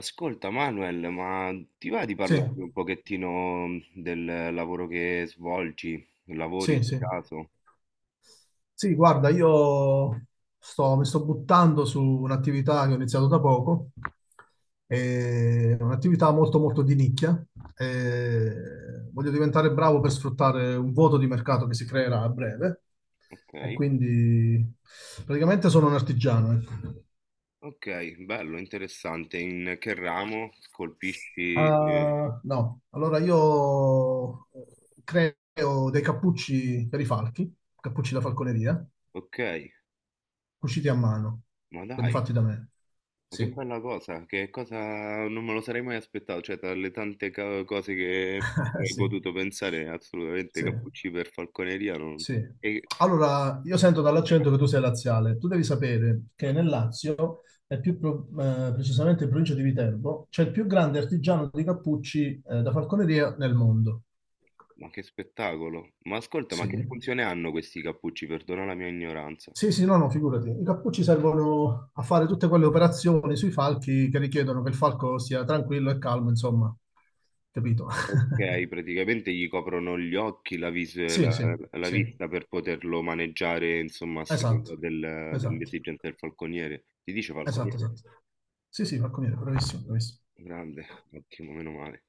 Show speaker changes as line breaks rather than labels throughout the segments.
Ascolta Manuel, ma ti va di
Sì,
parlarmi un pochettino del lavoro che svolgi? Lavori
sì,
per
sì.
caso?
Sì, guarda, io mi sto buttando su un'attività che ho iniziato da poco, è un'attività molto molto di nicchia. E voglio diventare bravo per sfruttare un vuoto di mercato che si creerà a breve,
Ok,
e quindi praticamente sono un artigiano. Ecco.
ok, bello, interessante. In che ramo colpisci?
Ah, no, allora io creo dei cappucci per i falchi, cappucci da falconeria,
Ok,
cuciti a mano,
ma
quelli
dai,
fatti da me.
ma che
Sì.
bella cosa, che cosa non me lo sarei mai aspettato, cioè tra le tante cose che avrei
Sì,
potuto pensare, assolutamente
sì,
cappucci per falconeria non...
sì.
E...
Allora, io sento dall'accento che tu sei laziale. Tu devi sapere che nel Lazio, e più precisamente in provincia di Viterbo, c'è il più grande artigiano di cappucci da falconeria nel mondo.
Ma che spettacolo! Ma ascolta, ma che
Sì,
funzione hanno questi cappucci? Perdona la mia ignoranza.
sì, sì, no, no, figurati. I cappucci servono a fare tutte quelle operazioni sui falchi che richiedono che il falco sia tranquillo e calmo, insomma, capito?
Okay, praticamente gli coprono gli occhi, la vis
Sì,
la
sì,
la
sì.
vista per poterlo maneggiare, insomma, a seconda
Esatto,
del
esatto,
dell'esigenza del falconiere. Si dice
esatto,
falconiere?
esatto. Sì, sì, falconiere, bravissimo, bravissimo.
Grande, ottimo, meno male.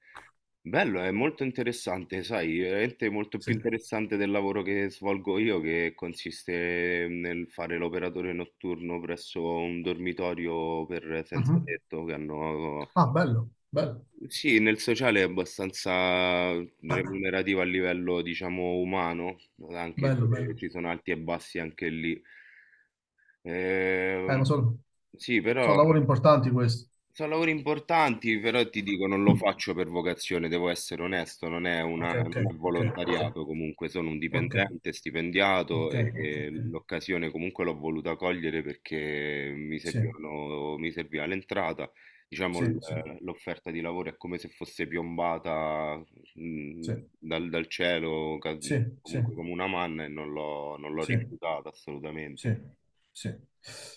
Bello, è molto interessante, sai, veramente molto
Sì.
più interessante del lavoro che svolgo io, che consiste nel fare l'operatore notturno presso un dormitorio per senza
Mhm.
tetto che hanno.
Ah, bello, bello.
Sì, nel sociale è abbastanza
Ah,
remunerativo a livello, diciamo, umano, anche
bello,
se
bello.
ci sono alti e bassi anche lì.
Eh,
Ehm,
ma sono,
sì, però
sono lavori importanti questi.
sono lavori importanti, però ti dico, non lo faccio per vocazione, devo essere onesto, non è
Ah,
una,
ok, ok,
non è
ok, ok,
volontariato comunque, sono un
ok,
dipendente, stipendiato
ok, ok, ok.
e l'occasione comunque l'ho voluta cogliere perché mi
Sì,
servivano, mi serviva l'entrata, diciamo
sì, sì,
l'offerta di lavoro è come se fosse piombata
sì,
dal cielo,
sì, sì,
comunque
sì,
come una manna e non l'ho
sì.
rifiutata
Sì,
assolutamente.
sì.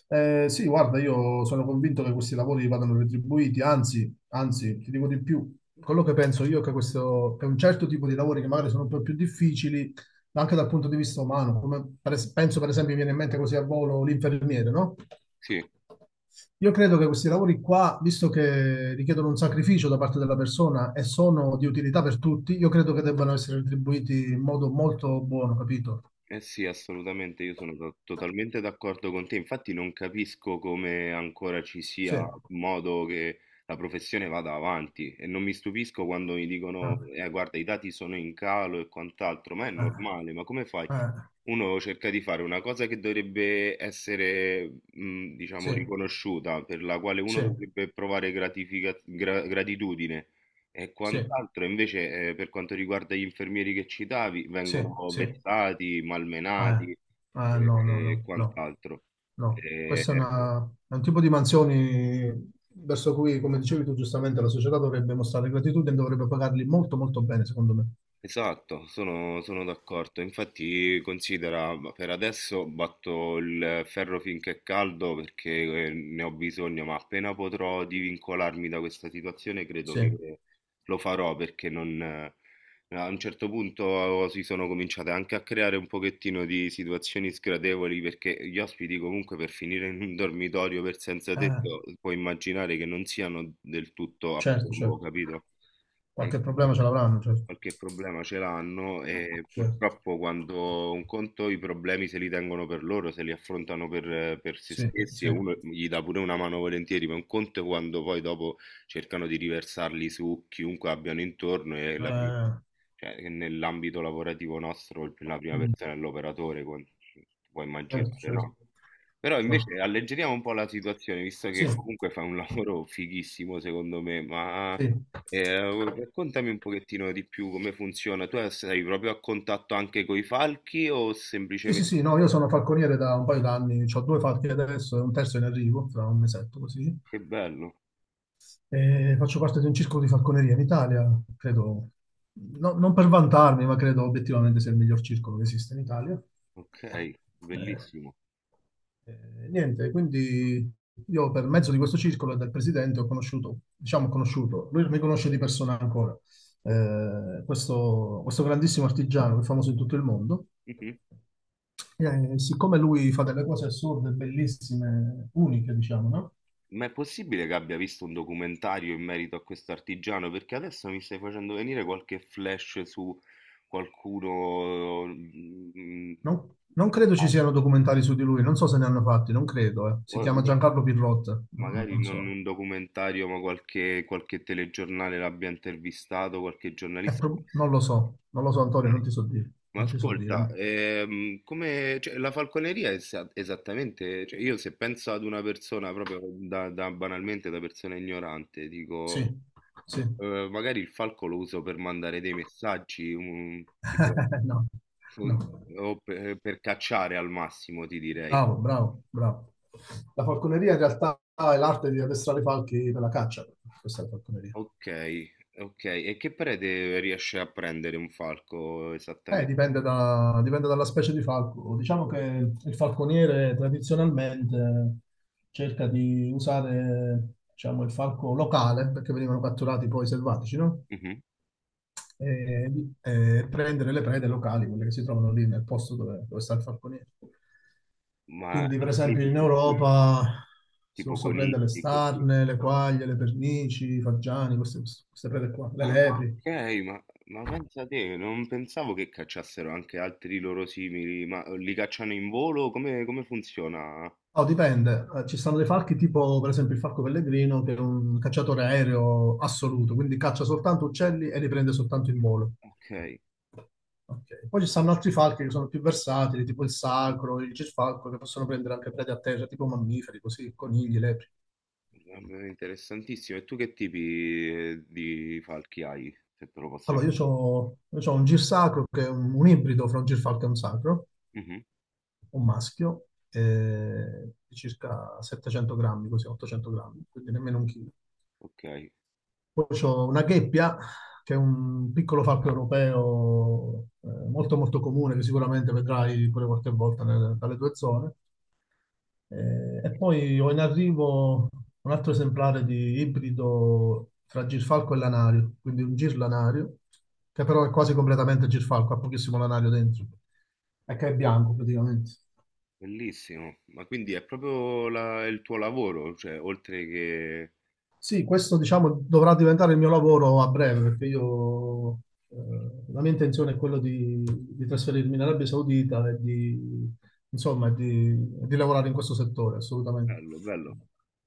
Sì, guarda, io sono convinto che questi lavori vadano retribuiti, anzi, anzi, ti dico di più, quello che penso io è che questo, che un certo tipo di lavori che magari sono un po' più difficili, ma anche dal punto di vista umano, come per penso per esempio mi viene in mente così a volo l'infermiere, no?
Sì.
Io credo che questi lavori qua, visto che richiedono un sacrificio da parte della persona e sono di utilità per tutti, io credo che debbano essere retribuiti in modo molto buono, capito?
Eh sì, assolutamente, io sono totalmente d'accordo con te. Infatti non capisco come ancora ci
Sì.
sia modo che la professione vada avanti e non mi stupisco quando mi dicono,
Ah,
guarda, i dati sono in calo e quant'altro, ma è
ah.
normale, ma come fai?
Eh,
Uno cerca di fare una cosa che dovrebbe essere, diciamo,
sì,
riconosciuta, per la quale uno
sì,
dovrebbe provare gratitudine. E
sì,
quant'altro, invece, per quanto riguarda gli infermieri che citavi, vengono
sì, sì.
vessati, malmenati e
No, no,
e
no, no,
quant'altro.
no.
Ehm
Questo è, è un tipo di mansioni verso cui, come dicevi tu giustamente, la società dovrebbe mostrare gratitudine e dovrebbe pagarli molto, molto bene, secondo me.
Esatto, sono, sono d'accordo. Infatti, considera, ma per adesso batto il ferro finché è caldo perché ne ho bisogno, ma appena potrò divincolarmi da questa situazione, credo
Sì,
che
eh,
lo farò perché non, a un certo punto oh, si sono cominciate anche a creare un pochettino di situazioni sgradevoli perché gli ospiti comunque per finire in un dormitorio per senza tetto, puoi immaginare che non siano del tutto a
certo,
piombo,
certo.
capito? E
Qualche problema ce l'avranno, certo.
qualche problema ce l'hanno e
Certo.
purtroppo quando un conto i problemi se li tengono per loro, se li affrontano per se
Sì,
stessi
sì.
e uno gli dà pure una mano volentieri, ma un conto è quando poi dopo cercano di riversarli su chiunque abbiano intorno e la pri cioè, che nell'ambito lavorativo nostro il la prima persona è l'operatore, con puoi
Certo,
immaginare,
certo,
no? Però
certo.
invece alleggeriamo un po' la situazione, visto
Sì,
che comunque fai un lavoro fighissimo secondo me, ma
sì.
eh, raccontami un pochettino di più come funziona. Tu sei proprio a contatto anche con i falchi o
Sì, sì,
semplicemente...
sì, no, io sono falconiere da un paio d'anni, ho due falchi adesso e un terzo in arrivo, tra un mesetto così.
Che bello,
E faccio parte di un circolo di falconeria in Italia, credo, non per vantarmi, ma credo obiettivamente sia il miglior circolo che esiste in Italia.
ok,
Eh,
bellissimo.
niente, quindi io per mezzo di questo circolo e del presidente ho conosciuto, diciamo conosciuto, lui mi conosce di persona ancora, questo grandissimo artigiano che è famoso in tutto il mondo.
Mhm.
Siccome lui fa delle cose assurde, bellissime, uniche, diciamo, no?
Ma è possibile che abbia visto un documentario in merito a questo artigiano? Perché adesso mi stai facendo venire qualche flash su qualcuno,
Non
in-
credo ci siano documentari su di lui, non so se ne hanno fatti, non credo. Eh. Si
o-
chiama Giancarlo Pirrotta,
magari
non
non
so.
un documentario, ma qualche telegiornale l'abbia intervistato, qualche giornalista.
Non lo so, non lo so, Antonio, non ti so dire,
Ma
non ti so dire.
ascolta, come, cioè, la falconeria è esattamente, cioè, io se penso ad una persona proprio banalmente da persona ignorante,
Sì,
dico,
sì.
magari il falco lo uso per mandare dei messaggi, tipo,
No, no.
fu- o per cacciare al massimo, ti direi.
Bravo, bravo, bravo. La falconeria in realtà è l'arte di addestrare i falchi per la caccia. Questa è la falconeria.
Ok, ok, e che prede riesce a prendere un falco esattamente?
Dipende dalla specie di falco. Diciamo che il falconiere tradizionalmente cerca di usare, diciamo, il falco locale, perché venivano catturati poi selvatici, no?
Mhm.
e, e prendere le prede locali, quelle che si trovano lì nel posto dove, dove sta il falconiere.
Ma
Quindi, per
animali
esempio,
di
in
che tipo,
Europa si
tipo
possono prendere le
conigli, così.
starne, le quaglie, le pernici, i fagiani, queste, queste prede qua, le
Ah,
lepri.
okay, ma pensa te, non pensavo che cacciassero anche altri loro simili, ma li cacciano in volo? Come funziona?
Oh, dipende. Ci stanno dei falchi tipo, per esempio, il falco pellegrino, che è un cacciatore aereo assoluto, quindi caccia soltanto uccelli e li prende soltanto in volo.
Okay,
Ok. Poi ci stanno altri falchi che sono più versatili, tipo il sacro, il gisfalco, che possono prendere anche prede a terra, tipo mammiferi, così, conigli, lepri.
vabbè, interessantissimo. E tu che tipi, di falchi hai, se te lo posso
Allora, io
chiedere?
ho un girsacro che è un ibrido fra un girfalco e un sacro,
Mh-mh,
un maschio, di circa 700 grammi, così, 800 grammi, quindi nemmeno un chilo.
okay,
Poi c'ho una gheppia, che è un piccolo falco europeo, molto molto comune, che sicuramente vedrai pure qualche volta dalle tue zone. E poi ho in arrivo un altro esemplare di ibrido fra girfalco e lanario, quindi un girlanario, che però è quasi completamente girfalco, ha pochissimo lanario dentro, e che è bianco praticamente.
bellissimo. Ma quindi è proprio la il tuo lavoro, cioè oltre che
Sì, questo diciamo dovrà diventare il mio lavoro a breve perché io eh, la mia intenzione è quella di trasferirmi in Arabia Saudita e di, insomma, di lavorare in questo settore, assolutamente.
bello, bello.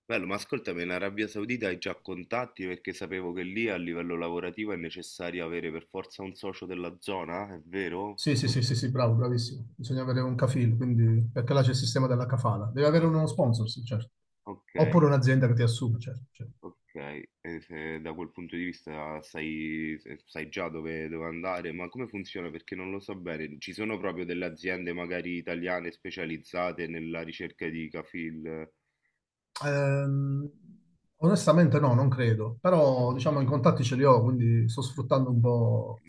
Bello, ma ascoltami, in Arabia Saudita hai già contatti perché sapevo che lì a livello lavorativo è necessario avere per forza un socio della zona, è vero?
Sì, sì, sì, sì, sì, bravo, bravissimo. Bisogna avere un kafil, quindi, perché là c'è il sistema della kafala. Devi avere uno sponsor, sì, certo.
Ok,
Oppure un'azienda che ti assume, certo. Certo.
ok, e se da quel punto di vista sai, sai già dove andare, ma come funziona? Perché non lo so bene. Ci sono proprio delle aziende magari italiane specializzate nella ricerca di kafil?
Ehm, onestamente no, non credo, però diciamo i contatti ce li ho, quindi sto sfruttando un po'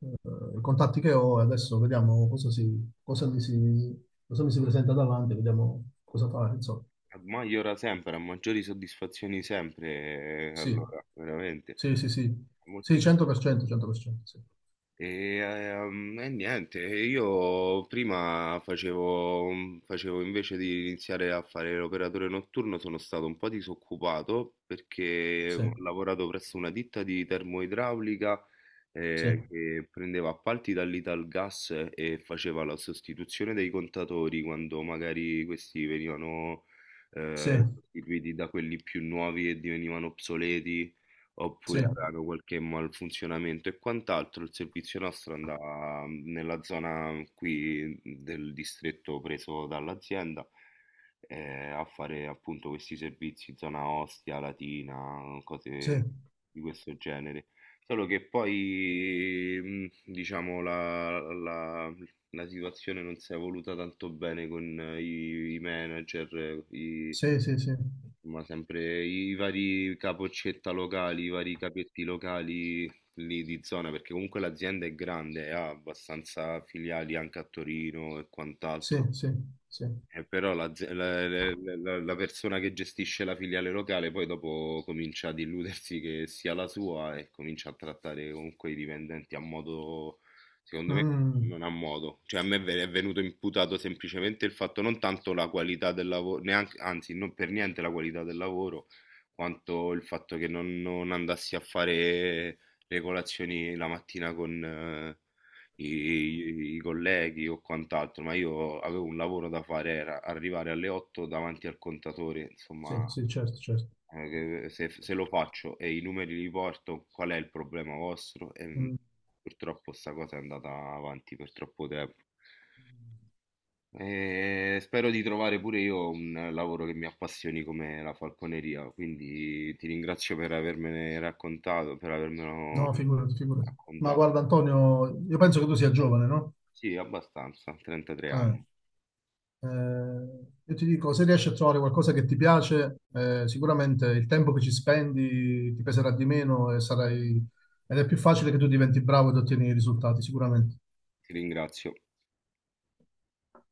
i contatti che ho e adesso vediamo cosa, si, cosa, mi si, cosa mi si presenta davanti, vediamo cosa fare, insomma.
A Maggiora sempre, a maggiori soddisfazioni sempre,
Sì,
allora, veramente.
sì, sì, sì,
Molto
sì, 100%, 100%, sì,
e, e niente, io prima facevo, facevo invece di iniziare a fare l'operatore notturno, sono stato un po' disoccupato perché
sì,
ho lavorato presso una ditta di termoidraulica
sì,
che prendeva appalti dall'Italgas e faceva la sostituzione dei contatori quando magari questi venivano
sì,
sostituiti da quelli più nuovi e divenivano obsoleti oppure avevano qualche malfunzionamento e quant'altro, il servizio nostro andava nella zona qui del distretto preso dall'azienda, a fare appunto questi servizi, zona Ostia, Latina,
sì,
cose di questo genere. Solo che poi, diciamo, la situazione non si è evoluta tanto bene con i manager,
sì, sì, sì,
ma sempre i vari capoccetta locali, i vari capetti locali lì di zona, perché comunque l'azienda è grande, ha abbastanza filiali anche a Torino e
sì,
quant'altro.
sì, sì, sì.
Però la, ze- la- la- la- la persona che gestisce la filiale locale poi dopo comincia ad illudersi che sia la sua e comincia a trattare comunque i dipendenti a modo, secondo me,
Mm,
non a modo. Cioè a me è venuto imputato semplicemente il fatto non tanto la qualità del lavoro, neanche, anzi non per niente la qualità del lavoro, quanto il fatto che non andassi a fare le colazioni la mattina con, i colleghi o quant'altro, ma io avevo un lavoro da fare, era arrivare alle 8 davanti al contatore,
sì,
insomma,
sì, certo, certo.
eh, che se lo faccio e i numeri li porto, qual è il problema vostro? E
Mm.
purtroppo sta cosa è andata avanti per troppo tempo. E spero di trovare pure io un lavoro che mi appassioni come la falconeria, quindi ti ringrazio per avermene raccontato, per avermelo
No, figurati, figurati. Ma
raccontato.
guarda, Antonio, io penso che tu sia giovane, no?
Sì, abbastanza, 33
Eh,
anni.
eh, io ti dico, se riesci a trovare qualcosa che ti piace, sicuramente il tempo che ci spendi ti peserà di meno e sarai... ed è più facile che tu diventi bravo ed ottieni i risultati, sicuramente.
Ti ringrazio.